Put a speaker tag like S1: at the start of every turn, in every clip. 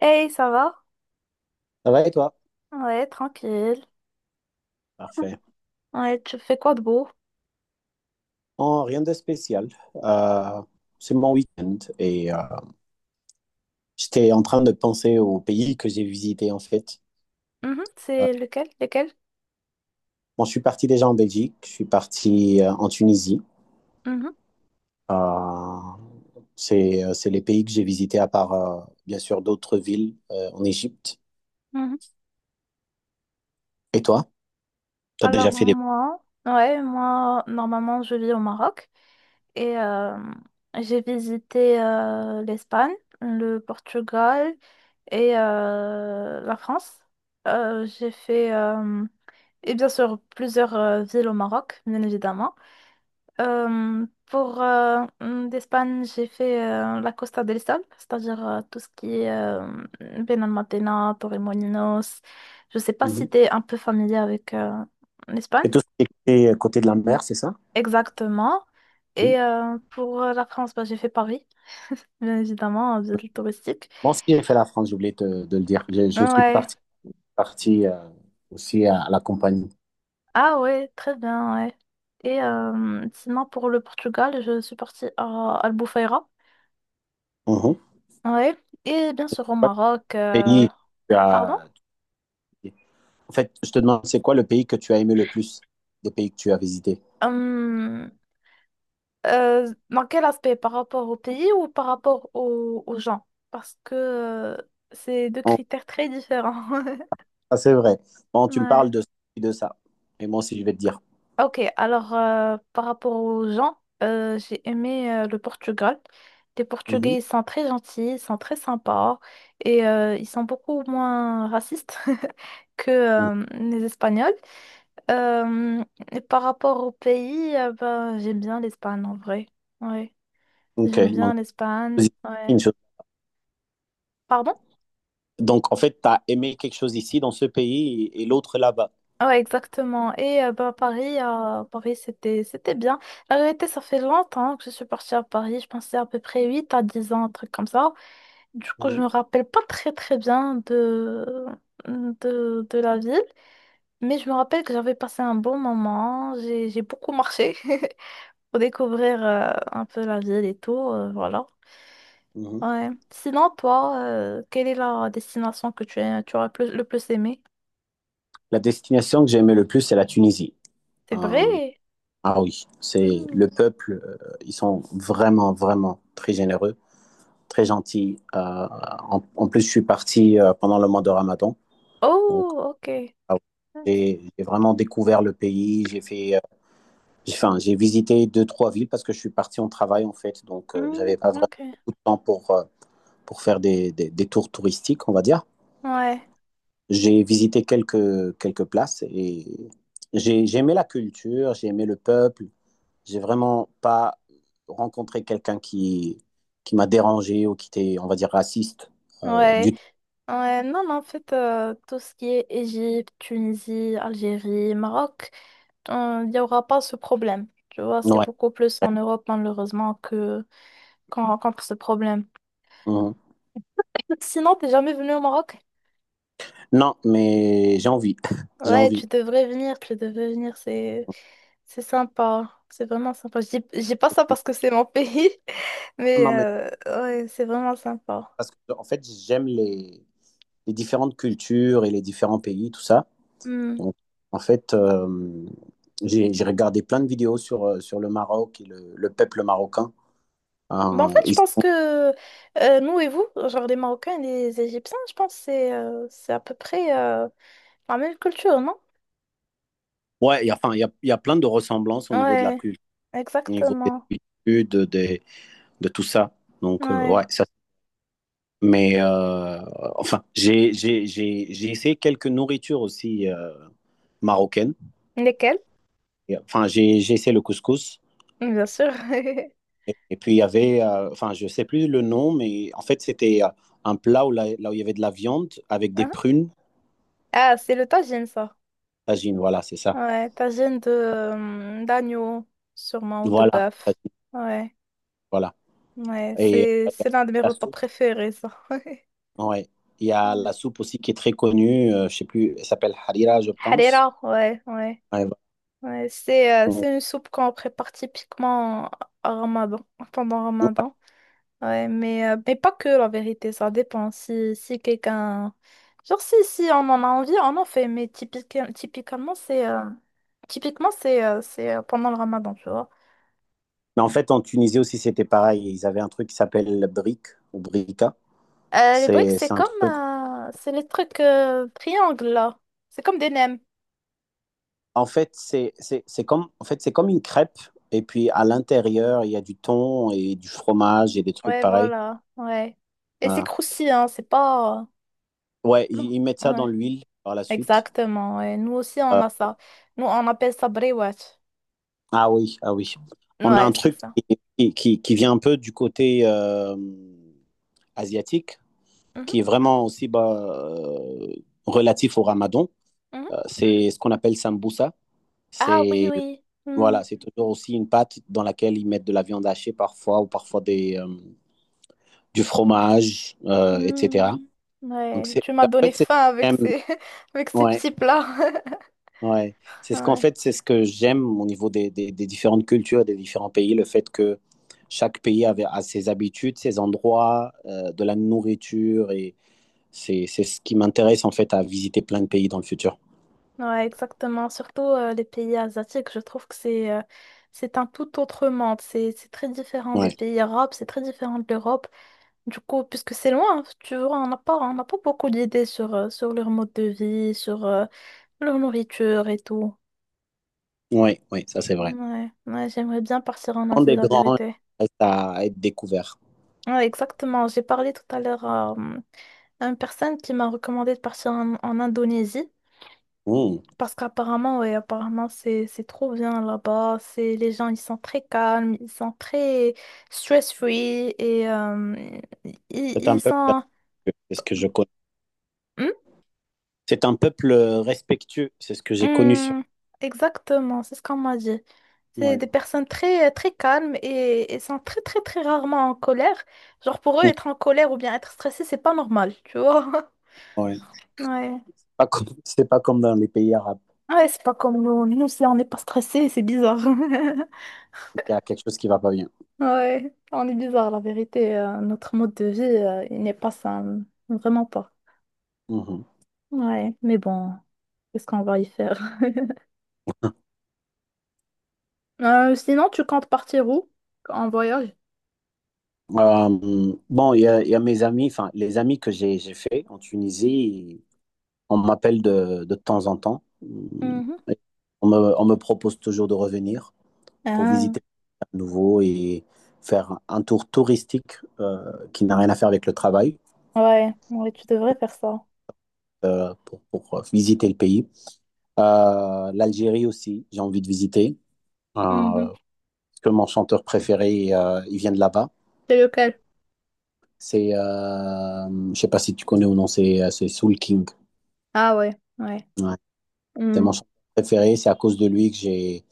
S1: Hey, ça va?
S2: Ça va et toi?
S1: Ouais, tranquille.
S2: Parfait.
S1: Ouais, tu fais quoi de beau?
S2: Oh, rien de spécial. Euh, c'est mon week-end et j'étais en train de penser aux pays que j'ai visités en fait.
S1: Mhm, c'est lequel? Lequel?
S2: Bon, je suis parti déjà en Belgique, je suis parti en Tunisie.
S1: Mhm,
S2: Euh, c'est les pays que j'ai visités à part bien sûr d'autres villes en Égypte.
S1: mhm.
S2: Et toi? Tu as déjà
S1: Alors
S2: fait des...
S1: moi, ouais, moi, normalement, je vis au Maroc et j'ai visité l'Espagne, le Portugal et la France. J'ai fait, et bien sûr, plusieurs villes au Maroc, bien évidemment. Pour d'Espagne, j'ai fait la Costa del Sol, c'est-à-dire tout ce qui est Benalmádena, Torremolinos. Je sais pas si
S2: Mhm.
S1: tu es un peu familier avec l'Espagne.
S2: Et tout ce qui est côté de la mer, c'est ça?
S1: Exactement.
S2: Mhm.
S1: Et pour la France, bah, j'ai fait Paris, bien évidemment, en ville touristique.
S2: Bon, si j'ai fait la France, j'ai oublié de le dire. Je suis
S1: Ouais.
S2: parti, aussi à, la compagnie.
S1: Ah ouais, très bien, ouais. Et sinon, pour le Portugal, je suis partie à Albufeira.
S2: Mhm.
S1: Ouais. Et bien sûr au Maroc.
S2: Pays, que tu
S1: Pardon?
S2: as- En fait, je te demande, c'est quoi le pays que tu as aimé le plus des pays que tu as visités?
S1: Hum, dans quel aspect? Par rapport au pays ou par rapport aux gens? Parce que c'est deux
S2: Bon,
S1: critères très différents.
S2: ça, c'est vrai. Bon, tu me
S1: Ouais.
S2: parles de ça. Et moi aussi, je vais te dire.
S1: Ok, alors par rapport aux gens, j'ai aimé le Portugal. Les
S2: Mhm.
S1: Portugais, ils sont très gentils, ils sont très sympas et ils sont beaucoup moins racistes que
S2: Mhm.
S1: les Espagnols. Euh, et par rapport au pays, ben, j'aime bien l'Espagne en vrai. Ouais. J'aime
S2: OK.
S1: bien l'Espagne, ouais.
S2: Une chose-
S1: Pardon?
S2: donc, en fait, tu as aimé quelque chose ici, dans ce pays, et l'autre là-bas.
S1: Ouais, exactement. Et bah, Paris, Paris c'était bien. La vérité, ça fait longtemps que je suis partie à Paris. Je pensais à peu près 8 à 10 ans, un truc comme ça. Du coup, je
S2: Mhm.
S1: me rappelle pas très très bien de la ville. Mais je me rappelle que j'avais passé un bon moment. J'ai beaucoup marché pour découvrir un peu la ville et tout. Voilà.
S2: Mhm.
S1: Ouais. Sinon, toi, quelle est la destination que tu aurais le plus aimé?
S2: La destination que j'ai aimé le plus, c'est la Tunisie.
S1: C'est
S2: Euh,
S1: vrai?
S2: ah oui, c'est
S1: Hmm.
S2: le peuple, ils sont vraiment, vraiment très généreux. Très gentil. En plus, je suis parti pendant le mois de Ramadan. Donc,
S1: Oh, ok.
S2: ah ouais, j'ai vraiment découvert le pays. J'ai fait, j'ai, enfin, j'ai visité deux, trois villes parce que je suis parti en travail, en fait. Donc,
S1: Hmm,
S2: j'avais pas vraiment
S1: ok.
S2: beaucoup de temps pour faire des tours touristiques, on va dire.
S1: Ouais.
S2: J'ai visité quelques places et j'ai aimé la culture, j'ai aimé le peuple. J'ai vraiment pas rencontré quelqu'un qui m'a dérangé ou qui était, on va dire, raciste
S1: Ouais.
S2: du tout.
S1: Ouais. Non, mais en fait, tout ce qui est Égypte, Tunisie, Algérie, Maroc, il n'y aura pas ce problème. Tu vois,
S2: Ouais,
S1: c'est
S2: ouais.
S1: beaucoup plus en Europe, malheureusement, que qu'on rencontre ce problème.
S2: Mhm.
S1: Sinon, t'es jamais venu au Maroc?
S2: Non, mais j'ai envie. J'ai
S1: Ouais,
S2: envie.
S1: tu devrais venir, c'est sympa. C'est vraiment sympa. Je dis pas ça parce que c'est mon pays, mais
S2: Non, mais
S1: ouais, c'est vraiment sympa.
S2: parce que, en fait, j'aime les différentes cultures et les différents pays, tout ça. Donc, en fait, j'ai regardé plein de vidéos sur le Maroc et le peuple marocain.
S1: Bah, en
S2: Euh,
S1: fait, je
S2: ils
S1: pense
S2: sont-
S1: que nous et vous, genre les Marocains et les Égyptiens, je pense que c'est à peu près la même culture, non?
S2: ouais, il y a, enfin, il y a plein de ressemblances au niveau de la
S1: Ouais,
S2: culture, au niveau des
S1: exactement.
S2: habitudes, de tout ça. Donc, ouais,
S1: Ouais.
S2: ça. Mais, enfin, j'ai essayé quelques nourritures aussi marocaines.
S1: Lesquels?
S2: Et, enfin, j'ai essayé le couscous.
S1: Bien sûr.
S2: Et puis, il y avait, enfin, je sais plus le nom, mais en fait, c'était un plat où là où il y avait de la viande avec des
S1: Hein.
S2: prunes,
S1: Ah, c'est le tagine, ça.
S2: tagine, voilà, c'est ça.
S1: Ouais, tagine de d'agneau, sûrement, ou de
S2: Voilà,
S1: bœuf.
S2: tagine,
S1: Ouais,
S2: voilà.
S1: ouais,
S2: Et
S1: c'est c'est l'un de mes
S2: la
S1: repas
S2: soupe,
S1: préférés, ça.
S2: ouais. Il y a
S1: Ouais.
S2: la soupe aussi qui est très connue, je sais plus, elle s'appelle harira, je pense.
S1: Harira, ouais, ouais.
S2: Ouais, voilà.
S1: Ouais, c'est une soupe qu'on prépare typiquement à Ramadan, pendant
S2: Ouais.
S1: Ramadan. Ouais, mais pas que la vérité, ça dépend. Si quelqu'un. Genre, si on en a envie, on en fait. Mais typiquement, c'est typiquement, c'est pendant le ramadan, tu vois.
S2: Mais en fait, en Tunisie aussi, c'était pareil. Ils avaient un truc qui s'appelle brique ou brika.
S1: Les briques,
S2: C'est
S1: c'est
S2: c'est un
S1: comme.
S2: truc.
S1: euh, c'est les trucs triangles, là. C'est comme des nems.
S2: En fait, c'est comme une crêpe. Et puis, à l'intérieur, il y a du thon et du fromage et des trucs
S1: Ouais,
S2: pareils.
S1: voilà. Ouais. Et c'est
S2: Voilà.
S1: croustillant, hein, c'est pas.
S2: Ouais,
S1: Non.
S2: ils mettent ça dans
S1: Ouais.
S2: l'huile par la suite.
S1: Exactement. Ouais. Nous aussi, on
S2: Euh,
S1: a ça. Nous, on appelle ça briwat.
S2: ah oui, ah oui. On a
S1: Ouais,
S2: un
S1: c'est
S2: truc
S1: ça.
S2: qui vient un peu du côté asiatique,
S1: Mhm,
S2: qui est vraiment aussi bah, relatif au Ramadan.
S1: mhm.
S2: C'est ce qu'on appelle sambusa.
S1: Ah oui,
S2: C'est
S1: oui. Hmm,
S2: Voilà, c'est toujours aussi une pâte dans laquelle ils mettent de la viande hachée parfois ou parfois du fromage,
S1: hmm.
S2: etc. Donc,
S1: Ouais,
S2: c'est,
S1: tu
S2: en
S1: m'as donné
S2: fait, c'est ce que
S1: faim avec
S2: j'aime.
S1: avec ces
S2: Ouais,
S1: petits plats.
S2: ouais. C'est ce qu'en
S1: Ouais,
S2: fait, c'est ce que j'aime au niveau des différentes cultures, des différents pays, le fait que chaque pays avait, a ses habitudes, ses endroits, de la nourriture, et c'est ce qui m'intéresse en fait à visiter plein de pays dans le futur.
S1: ouais, exactement. Surtout les pays asiatiques, je trouve que c'est un tout autre monde. C'est très différent des
S2: Ouais,
S1: pays arabes, c'est très différent de l'Europe. Du coup, puisque c'est loin, tu vois, on n'a pas beaucoup d'idées sur leur mode de vie, sur leur nourriture et tout.
S2: ouais, ouais, ça c'est vrai.
S1: Ouais, ouais, j'aimerais bien partir en
S2: Prendre
S1: Asie,
S2: des
S1: la
S2: grands
S1: vérité.
S2: reste à être découvert.
S1: Ouais, exactement. J'ai parlé tout à l'heure à à une personne qui m'a recommandé de partir en Indonésie.
S2: Mmh.
S1: Parce qu'apparemment, ouais, apparemment, c'est trop bien là-bas. C'est les gens, ils sont très calmes, ils sont très stress-free et ils,
S2: C'est un
S1: ils
S2: peuple
S1: sont.
S2: respectueux, c'est ce que je connais.
S1: Hmm?
S2: C'est un peuple respectueux, c'est ce que j'ai connu sur.
S1: Hmm, exactement, c'est ce qu'on m'a dit. C'est
S2: Ouais.
S1: des personnes très très calmes et sont très très très rarement en colère. Genre pour eux,
S2: Mmh.
S1: être en colère ou bien être stressé, c'est pas normal, tu vois.
S2: Ouais.
S1: Ouais.
S2: pas comme, C'est pas comme dans les pays arabes.
S1: Ouais, c'est pas comme nous. Nous, si on n'est pas stressé, c'est bizarre.
S2: Il y a quelque chose qui va pas bien.
S1: Ouais, on est bizarre, la vérité. Notre mode de vie, il n'est pas sain. Vraiment pas.
S2: Mhm.
S1: Ouais, mais bon, qu'est-ce qu'on va y faire? Sinon, tu comptes partir où? En voyage?
S2: Bon, il y a mes amis, enfin, les amis que j'ai fait en Tunisie, on m'appelle de temps en temps. Mm.
S1: Mhm.
S2: Et on me propose toujours de revenir pour
S1: Ah,
S2: visiter à nouveau et faire un tour touristique qui n'a rien à faire avec le travail
S1: ouais, ouais, tu devrais faire ça.
S2: pour visiter le pays. L'Algérie aussi, j'ai envie de visiter euh,
S1: Mhm.
S2: parce que mon chanteur préféré, il vient de là-bas.
S1: C'est lequel?
S2: Je sais pas si tu connais ou non, c'est Soul King.
S1: Ah ouais, ouais.
S2: Ouais. C'est
S1: Mm.
S2: mon chanteur préféré. C'est à cause de lui que j'ai,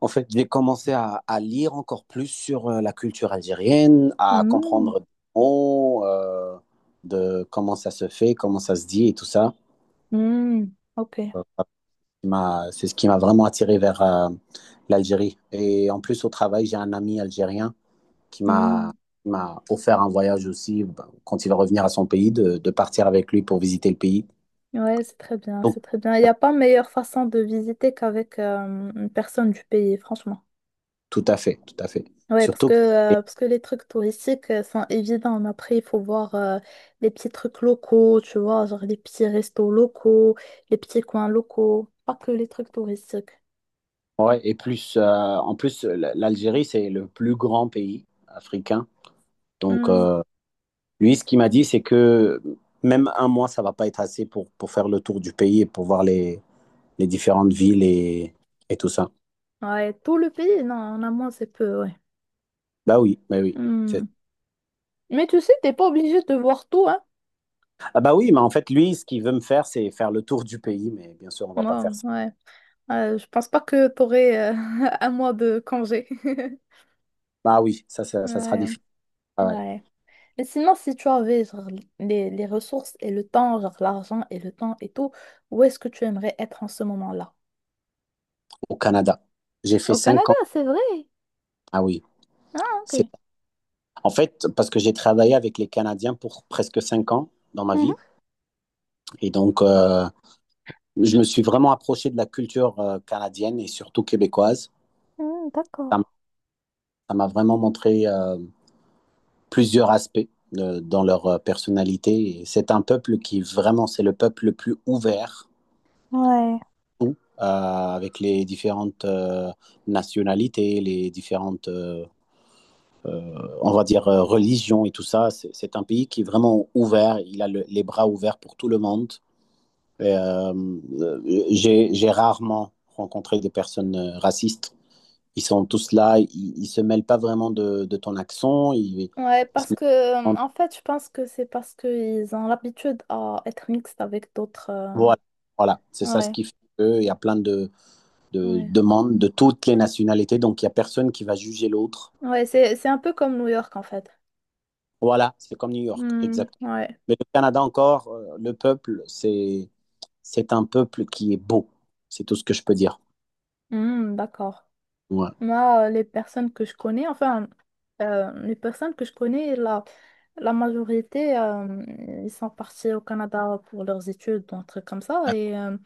S2: en fait, j'ai commencé à lire encore plus sur la culture algérienne, à
S1: Mm.
S2: comprendre des mots, de comment ça se fait, comment ça se dit et tout ça.
S1: Mm. Ok.
S2: Euh, ça C'est ce qui m'a vraiment attiré vers l'Algérie. Et en plus, au travail, j'ai un ami algérien qui
S1: Mm.
S2: m'a qui m'a offert un voyage aussi, bah, quand il va revenir à son pays, de partir avec lui pour visiter le pays.
S1: Ouais, c'est très bien,
S2: Donc,
S1: c'est très bien. Il n'y a pas meilleure façon de visiter qu'avec une personne du pays, franchement.
S2: tout à fait, tout à fait.
S1: Ouais, parce
S2: Surtout
S1: que,
S2: que, et,
S1: euh, parce que les trucs touristiques sont évidents, mais après, il faut voir les petits trucs locaux, tu vois, genre les petits restos locaux, les petits coins locaux, pas que les trucs touristiques.
S2: ouais, en plus, l'Algérie, c'est le plus grand pays africain. Donc,
S1: Hmm.
S2: lui, ce qu'il m'a dit, c'est que même un mois, ça va pas être assez pour faire le tour du pays et pour voir les différentes villes et tout ça.
S1: Ouais, tout le pays, non, en amont, c'est peu, ouais.
S2: Bah oui, bah oui. c'est-
S1: Hmm. Mais tu sais, t'es pas obligé de voir tout, hein?
S2: Ah bah oui, mais en fait, lui, ce qu'il veut me faire, c'est faire le tour du pays, mais bien sûr, on
S1: Ouais,
S2: va pas faire ça.
S1: ouais. Je pense pas que t'aurais un mois de congé.
S2: Bah oui, ça sera
S1: Ouais,
S2: difficile. Ah ouais,
S1: ouais. Mais sinon, si tu avais genre, les ressources et le temps, genre l'argent et le temps et tout, où est-ce que tu aimerais être en ce moment-là?
S2: au Canada. J'ai fait
S1: Au
S2: cinq
S1: Canada,
S2: ans.
S1: c'est vrai.
S2: Ah oui.
S1: Ah, ok.
S2: En fait, parce que j'ai travaillé avec les Canadiens pour presque 5 ans dans ma vie.
S1: Mhm.
S2: Et donc, je me suis vraiment approché de la culture canadienne et surtout québécoise.
S1: Mm,
S2: Ça m-
S1: d'accord.
S2: ça m'a vraiment montré plusieurs aspects dans leur personnalité. Et c'est un peuple qui vraiment, c'est le peuple le plus ouvert,
S1: Ouais.
S2: tout, avec les différentes nationalités, les différentes, on va dire, religions et tout ça. C'est un pays qui est vraiment ouvert. Il a les bras ouverts pour tout le monde. euh, euh, j'ai rarement rencontré des personnes racistes. Ils sont tous là, ils se mêlent pas vraiment de ton accent. Ils,
S1: Ouais,
S2: ils se
S1: parce
S2: mêlent
S1: que
S2: pas vraiment
S1: en fait, je pense que c'est parce qu'ils ont l'habitude à être mixtes avec d'autres.
S2: voilà, voilà. C'est ça ce
S1: Ouais,
S2: qui fait qu'il y a plein de
S1: ouais.
S2: demandes de toutes les nationalités, donc il y a personne qui va juger l'autre.
S1: Ouais, c'est un peu comme New York en fait.
S2: Voilà, c'est comme New York,
S1: Hmm,
S2: exact.
S1: ouais.
S2: Mais le Canada encore, le peuple, c'est un peuple qui est beau. C'est tout ce que je peux dire.
S1: Hmm, d'accord.
S2: Ouais.
S1: Moi, les personnes que je connais, enfin, les personnes que je connais là. La majorité, ils sont partis au Canada pour leurs études, un truc comme ça.
S2: Ah,
S1: Et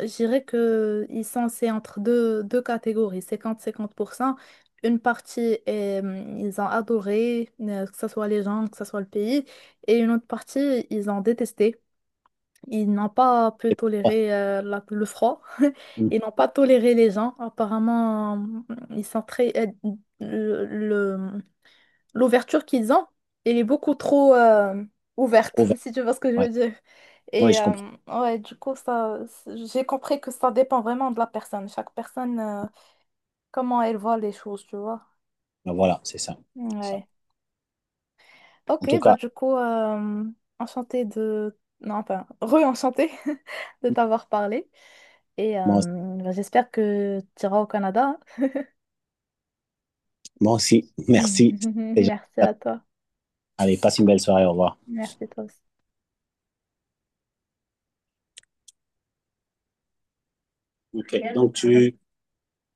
S1: je dirais que ils sont c'est entre deux catégories, 50-50%. Une partie, ils ont adoré, que ce soit les gens, que ce soit le pays. Et une autre partie, ils ont détesté. Ils n'ont pas pu
S2: c'est- ouais.
S1: tolérer le froid.
S2: Mm.
S1: Ils n'ont pas toléré les gens. Apparemment, ils sont très. euh, le, l'ouverture qu'ils ont, elle est beaucoup trop ouverte,
S2: Ouvert,
S1: si tu vois ce que je
S2: ouais.
S1: veux dire.
S2: Oui,
S1: Et
S2: je comprends.
S1: ouais, du coup, ça, j'ai compris que ça dépend vraiment de la personne. Chaque personne, comment elle voit les choses, tu vois.
S2: Voilà, c'est ça. C'est ça.
S1: Ouais.
S2: En
S1: Ok,
S2: tout
S1: bah
S2: cas,
S1: du coup, enchantée de, non, enfin, re-enchantée de t'avoir parlé. Et
S2: moi aussi,
S1: bah, j'espère que tu iras au Canada.
S2: moi aussi merci. Les gens,
S1: Merci à toi.
S2: Allez, passe une belle soirée, au revoir.
S1: Merci toi aussi.
S2: Ok, donc tu,